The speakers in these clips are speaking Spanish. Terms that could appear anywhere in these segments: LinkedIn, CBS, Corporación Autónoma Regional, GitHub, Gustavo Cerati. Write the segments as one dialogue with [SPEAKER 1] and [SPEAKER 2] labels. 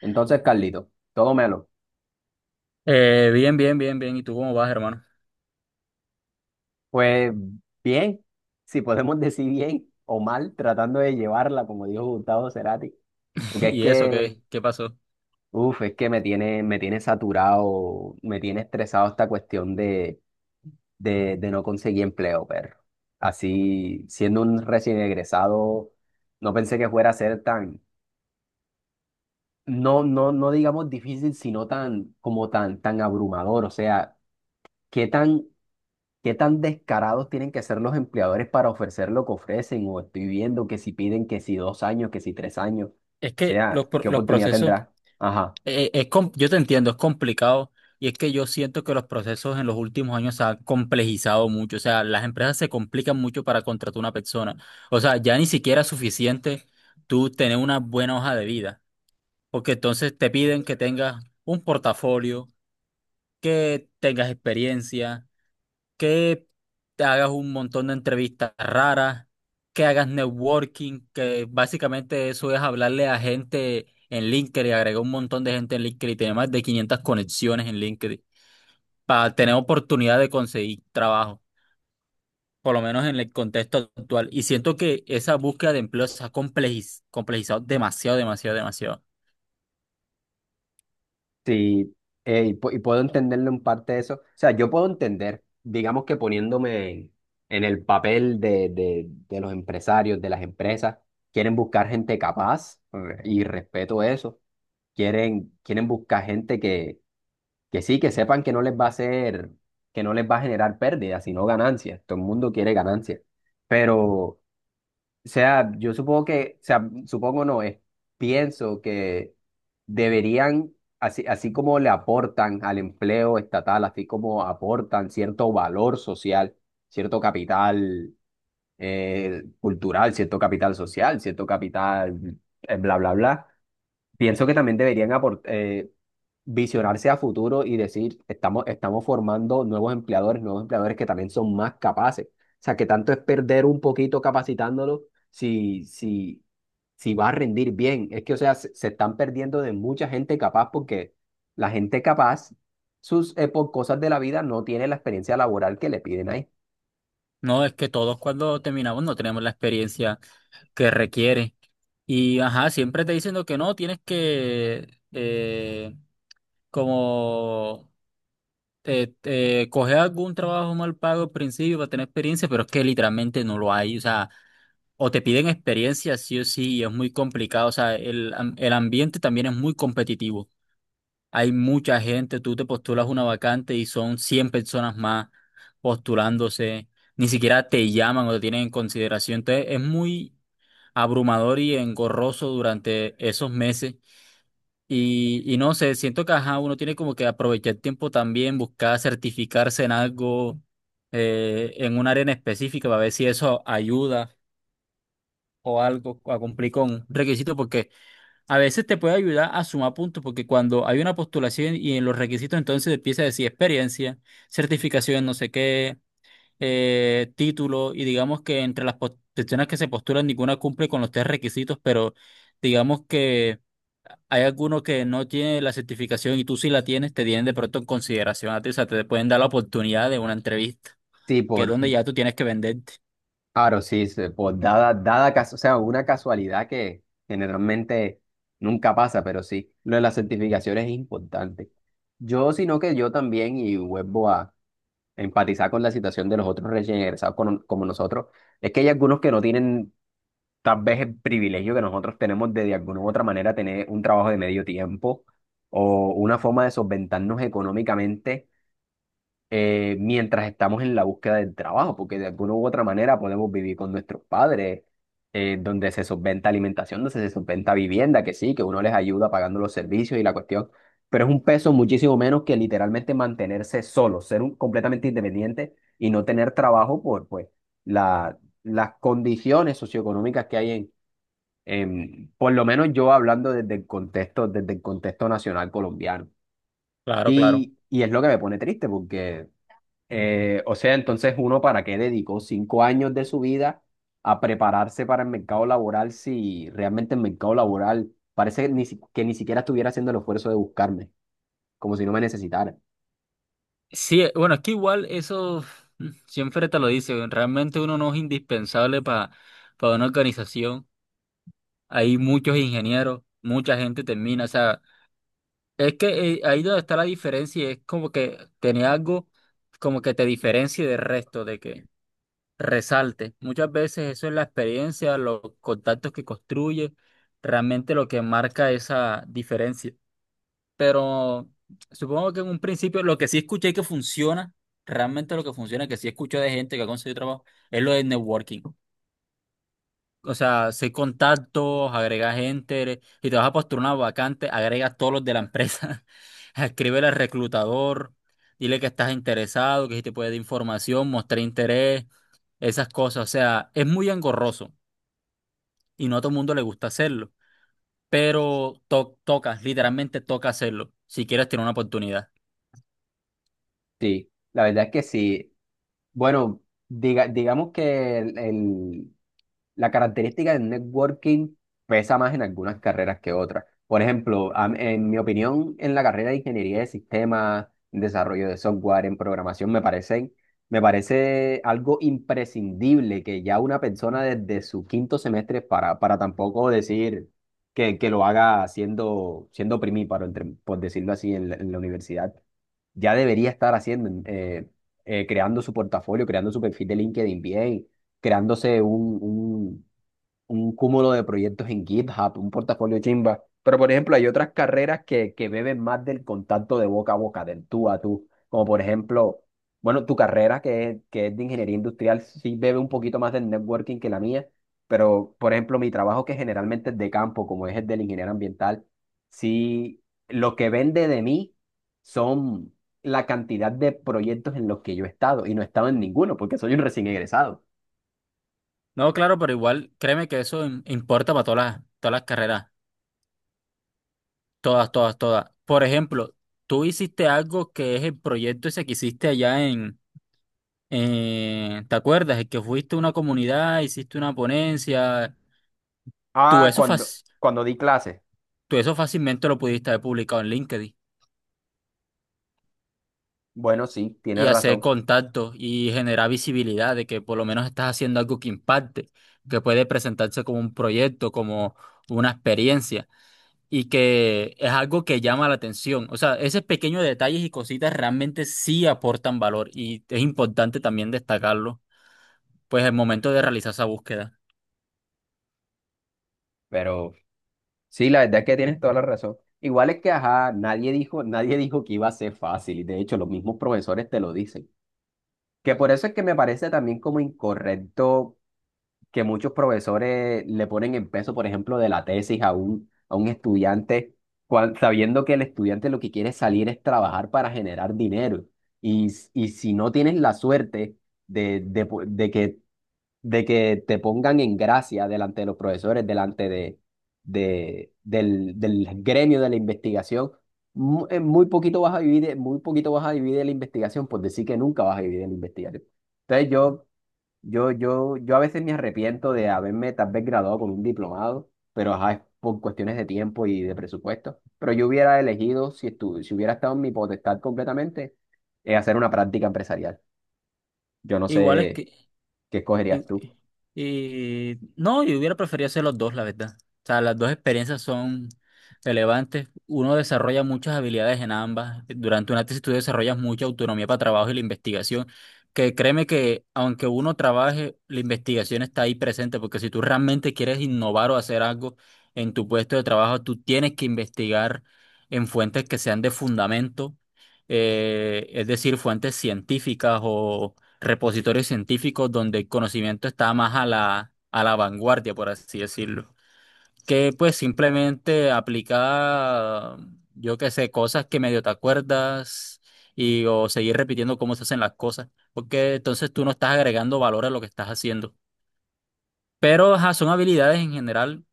[SPEAKER 1] Entonces, Carlito, todo melo.
[SPEAKER 2] Bien, bien, bien, bien. ¿Y tú cómo vas, hermano?
[SPEAKER 1] Pues bien, si podemos decir bien o mal, tratando de llevarla, como dijo Gustavo Cerati. Porque es
[SPEAKER 2] ¿Y eso
[SPEAKER 1] que,
[SPEAKER 2] qué pasó?
[SPEAKER 1] uff, es que me tiene saturado, me tiene estresado esta cuestión de no conseguir empleo, perro. Así, siendo un recién egresado, no pensé que fuera a ser tan, no digamos difícil, sino tan, tan abrumador. O sea, qué tan ¿Qué tan descarados tienen que ser los empleadores para ofrecer lo que ofrecen? O estoy viendo que si piden que si dos años, que si tres años. O
[SPEAKER 2] Es que los,
[SPEAKER 1] sea,
[SPEAKER 2] pro-
[SPEAKER 1] ¿qué
[SPEAKER 2] Los
[SPEAKER 1] oportunidad
[SPEAKER 2] procesos,
[SPEAKER 1] tendrá? Ajá.
[SPEAKER 2] Yo te entiendo, es complicado y es que yo siento que los procesos en los últimos años se han complejizado mucho, o sea, las empresas se complican mucho para contratar una persona, o sea, ya ni siquiera es suficiente tú tener una buena hoja de vida, porque entonces te piden que tengas un portafolio, que tengas experiencia, que te hagas un montón de entrevistas raras, que hagas networking, que básicamente eso es hablarle a gente en LinkedIn, agregar un montón de gente en LinkedIn y tener más de 500 conexiones en LinkedIn para tener oportunidad de conseguir trabajo, por lo menos en el contexto actual. Y siento que esa búsqueda de empleo se ha complejizado demasiado, demasiado, demasiado.
[SPEAKER 1] Sí, y puedo entenderlo en parte de eso. O sea, yo puedo entender, digamos que poniéndome en el papel de, de los empresarios, de las empresas, quieren buscar gente capaz y respeto eso. Quieren buscar gente que que sí, que sepan que no les va a hacer, que no les va a generar pérdidas, sino ganancias. Todo el mundo quiere ganancias. Pero, o sea, yo supongo que, o sea, supongo no, es, pienso que deberían, así, así como le aportan al empleo estatal, así como aportan cierto valor social, cierto capital cultural, cierto capital social, cierto capital, bla, bla, bla. Pienso que también deberían aportar visionarse a futuro y decir, estamos formando nuevos empleadores que también son más capaces. O sea, que tanto es perder un poquito capacitándolos si, si, si va a rendir bien. Es que, o sea, se están perdiendo de mucha gente capaz porque la gente capaz, sus, por cosas de la vida, no tiene la experiencia laboral que le piden ahí.
[SPEAKER 2] No, es que todos cuando terminamos no tenemos la experiencia que requiere. Y ajá, siempre te dicen lo que no, tienes que como coger algún trabajo mal pago al principio para tener experiencia, pero es que literalmente no lo hay, o sea, o te piden experiencia sí o sí, y es muy complicado, o sea, el ambiente también es muy competitivo, hay mucha gente, tú te postulas una vacante y son 100 personas más postulándose, ni siquiera te llaman o te tienen en consideración, entonces es muy abrumador y engorroso durante esos meses y no sé, siento que ajá, uno tiene como que aprovechar el tiempo también, buscar certificarse en algo, en un área en específica, para ver si eso ayuda o algo a cumplir con un requisito, porque a veces te puede ayudar a sumar puntos, porque cuando hay una postulación y en los requisitos entonces empieza a decir experiencia, certificación, no sé qué título, y digamos que entre las posiciones que se postulan ninguna cumple con los tres requisitos, pero digamos que hay alguno que no tiene la certificación y tú sí la tienes, te tienen de pronto en consideración a ti, o sea, te pueden dar la oportunidad de una entrevista,
[SPEAKER 1] Sí,
[SPEAKER 2] que es
[SPEAKER 1] por,
[SPEAKER 2] donde ya tú tienes que venderte.
[SPEAKER 1] claro, sí, se- por dada, dada cas- o sea, una casualidad que generalmente nunca pasa, pero sí, lo de las certificaciones es importante. Yo, sino que yo también, y vuelvo a empatizar con la situación de los otros recién egresados como nosotros, es que hay algunos que no tienen tal vez el privilegio que nosotros tenemos de alguna u otra manera tener un trabajo de medio tiempo o una forma de solventarnos económicamente mientras estamos en la búsqueda del trabajo, porque de alguna u otra manera podemos vivir con nuestros padres, donde se solventa alimentación, donde se solventa vivienda, que sí, que uno les ayuda pagando los servicios y la cuestión, pero es un peso muchísimo menos que literalmente mantenerse solo, ser un, completamente independiente y no tener trabajo por pues, la, las condiciones socioeconómicas que hay por lo menos yo hablando desde el contexto nacional colombiano.
[SPEAKER 2] Claro, claro.
[SPEAKER 1] Y es lo que me pone triste porque o sea, entonces uno para qué dedicó 5 años de su vida a prepararse para el mercado laboral si realmente el mercado laboral parece que ni, si- que ni siquiera estuviera haciendo el esfuerzo de buscarme, como si no me necesitara.
[SPEAKER 2] Sí, bueno, es que igual eso siempre te lo dice, realmente uno no es indispensable para una organización. Hay muchos ingenieros, mucha gente termina, o sea, Es que ahí donde está la diferencia, y es como que tenía algo como que te diferencie del resto, de que resalte. Muchas veces eso es la experiencia, los contactos que construye, realmente lo que marca esa diferencia. Pero supongo que en un principio lo que sí escuché que funciona, realmente lo que funciona, que sí escuché de gente que ha conseguido trabajo, es lo del networking, o sea, seis contactos, agregas gente, y te vas a postular una vacante, agregas todos los de la empresa, escríbele al reclutador, dile que estás interesado, que si te puede dar información, mostrar interés, esas cosas. O sea, es muy engorroso y no a todo el mundo le gusta hacerlo, pero toca, literalmente toca hacerlo, si quieres tener una oportunidad.
[SPEAKER 1] Sí, la verdad es que sí. Bueno, digamos que el, la característica del networking pesa más en algunas carreras que otras. Por ejemplo, en mi opinión, en la carrera de ingeniería de sistemas, en desarrollo de software, en programación, me parece algo imprescindible que ya una persona desde su quinto semestre, para tampoco decir que lo haga siendo primíparo, por decirlo así, en la universidad, ya debería estar haciendo, creando su portafolio, creando su perfil de LinkedIn bien, creándose un, un- un cúmulo de proyectos en GitHub, un portafolio chimba. Pero, por ejemplo, hay otras carreras que beben más del contacto de boca a boca, del tú a tú. Como, por ejemplo, bueno, tu carrera, que es de ingeniería industrial, sí bebe un poquito más del networking que la mía. Pero, por ejemplo, mi trabajo, que generalmente es de campo, como es el del ingeniero ambiental, sí, lo que vende de mí son la cantidad de proyectos en los que yo he estado. Y no he estado en ninguno, porque soy un recién egresado.
[SPEAKER 2] No, claro, pero igual créeme que eso importa para todas todas las carreras. Todas, todas, todas. Por ejemplo, tú hiciste algo que es el proyecto ese que hiciste allá ¿te acuerdas? El que fuiste a una comunidad, hiciste una ponencia. Tú
[SPEAKER 1] Ah,
[SPEAKER 2] eso, fac-
[SPEAKER 1] cuando di clases.
[SPEAKER 2] tú eso fácilmente lo pudiste haber publicado en LinkedIn
[SPEAKER 1] Bueno, sí, tienes
[SPEAKER 2] y hacer
[SPEAKER 1] razón,
[SPEAKER 2] contactos y generar visibilidad de que por lo menos estás haciendo algo que impacte, que puede presentarse como un proyecto, como una experiencia, y que es algo que llama la atención. O sea, esos pequeños detalles y cositas realmente sí aportan valor y es importante también destacarlo, pues el momento de realizar esa búsqueda.
[SPEAKER 1] pero sí, la verdad es que tienes toda la razón. Igual es que, ajá, nadie dijo que iba a ser fácil, y de hecho los mismos profesores te lo dicen. Que por eso es que me parece también como incorrecto que muchos profesores le ponen el peso, por ejemplo, de la tesis a un estudiante, sabiendo que el estudiante lo que quiere salir es trabajar para generar dinero. Y si no tienes la suerte de, de, po- de que de que te pongan en gracia delante de los profesores, delante del gremio de la investigación. Mu- en Muy poquito vas a vivir, muy poquito vas a vivir de la investigación, por decir que nunca vas a vivir de la investigación. Entonces yo a veces me arrepiento de haberme tal vez graduado con un diplomado, pero ajá, es por cuestiones de tiempo y de presupuesto. Pero yo hubiera elegido, si hubiera estado en mi potestad completamente, hacer una práctica empresarial. Yo no
[SPEAKER 2] Igual es
[SPEAKER 1] sé
[SPEAKER 2] que
[SPEAKER 1] qué escogerías
[SPEAKER 2] Y,
[SPEAKER 1] tú.
[SPEAKER 2] no, yo hubiera preferido hacer los dos, la verdad. O sea, las dos experiencias son relevantes. Uno desarrolla muchas habilidades en ambas. Durante una tesis tú desarrollas mucha autonomía para trabajo y la investigación. Que créeme que aunque uno trabaje, la investigación está ahí presente, porque si tú realmente quieres innovar o hacer algo en tu puesto de trabajo, tú tienes que investigar en fuentes que sean de fundamento, es decir, fuentes científicas o repositorios científicos donde el conocimiento está más a a la vanguardia, por así decirlo. Que pues simplemente aplica, yo qué sé, cosas que medio te acuerdas, y o seguir repitiendo cómo se hacen las cosas, porque entonces tú no estás agregando valor a lo que estás haciendo. Pero ajá, son habilidades en general,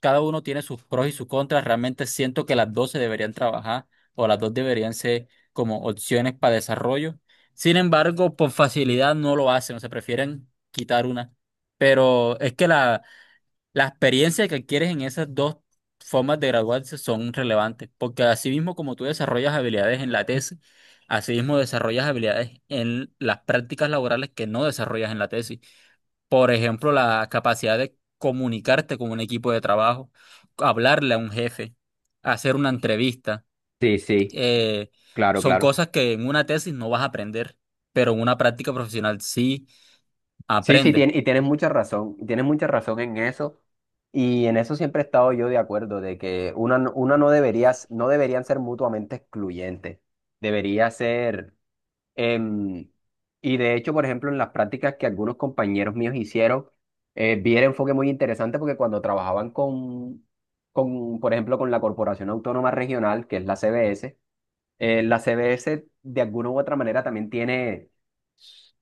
[SPEAKER 2] cada uno tiene sus pros y sus contras. Realmente siento que las dos se deberían trabajar o las dos deberían ser como opciones para desarrollo. Sin embargo, por facilidad no lo hacen, o sea, prefieren quitar una. Pero es que la experiencia que adquieres en esas dos formas de graduarse son relevantes, porque así mismo como tú desarrollas habilidades en la tesis, así mismo desarrollas habilidades en las prácticas laborales que no desarrollas en la tesis. Por ejemplo, la capacidad de comunicarte con un equipo de trabajo, hablarle a un jefe, hacer una entrevista.
[SPEAKER 1] Sí, sí.
[SPEAKER 2] eh,
[SPEAKER 1] Claro,
[SPEAKER 2] Son
[SPEAKER 1] claro.
[SPEAKER 2] cosas que en una tesis no vas a aprender, pero en una práctica profesional sí
[SPEAKER 1] Sí, sí,
[SPEAKER 2] aprendes.
[SPEAKER 1] y tienes mucha razón, y tienes mucha razón en eso, y en eso siempre he estado yo de acuerdo, de que una no deberías, no deberían ser mutuamente excluyentes, debería ser, em, y de hecho, por ejemplo, en las prácticas que algunos compañeros míos hicieron, vi el enfoque muy interesante porque cuando trabajaban por ejemplo, con la Corporación Autónoma Regional, que es la CBS, la CBS de alguna u otra manera también tiene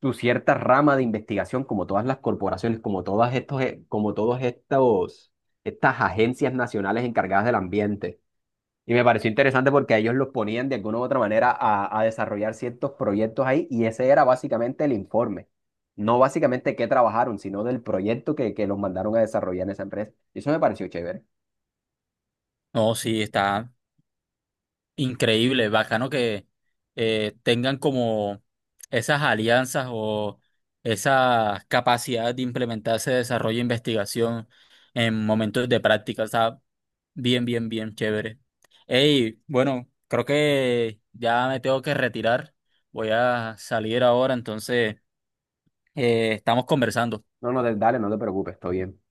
[SPEAKER 1] tu cierta rama de investigación, como todas las corporaciones, como todas estos, estas agencias nacionales encargadas del ambiente. Y me pareció interesante porque a ellos los ponían de alguna u otra manera a desarrollar ciertos proyectos ahí y ese era básicamente el informe. No básicamente qué trabajaron, sino del proyecto que los mandaron a desarrollar en esa empresa. Y eso me pareció chévere.
[SPEAKER 2] No, sí, está. Increíble, bacano que tengan como esas alianzas o esa capacidad de implementarse desarrollo e investigación en momentos de práctica. O sea, bien, bien, bien chévere. Hey, bueno, creo que ya me tengo que retirar. Voy a salir ahora, entonces estamos conversando.
[SPEAKER 1] No, no, dale, no te preocupes, estoy bien.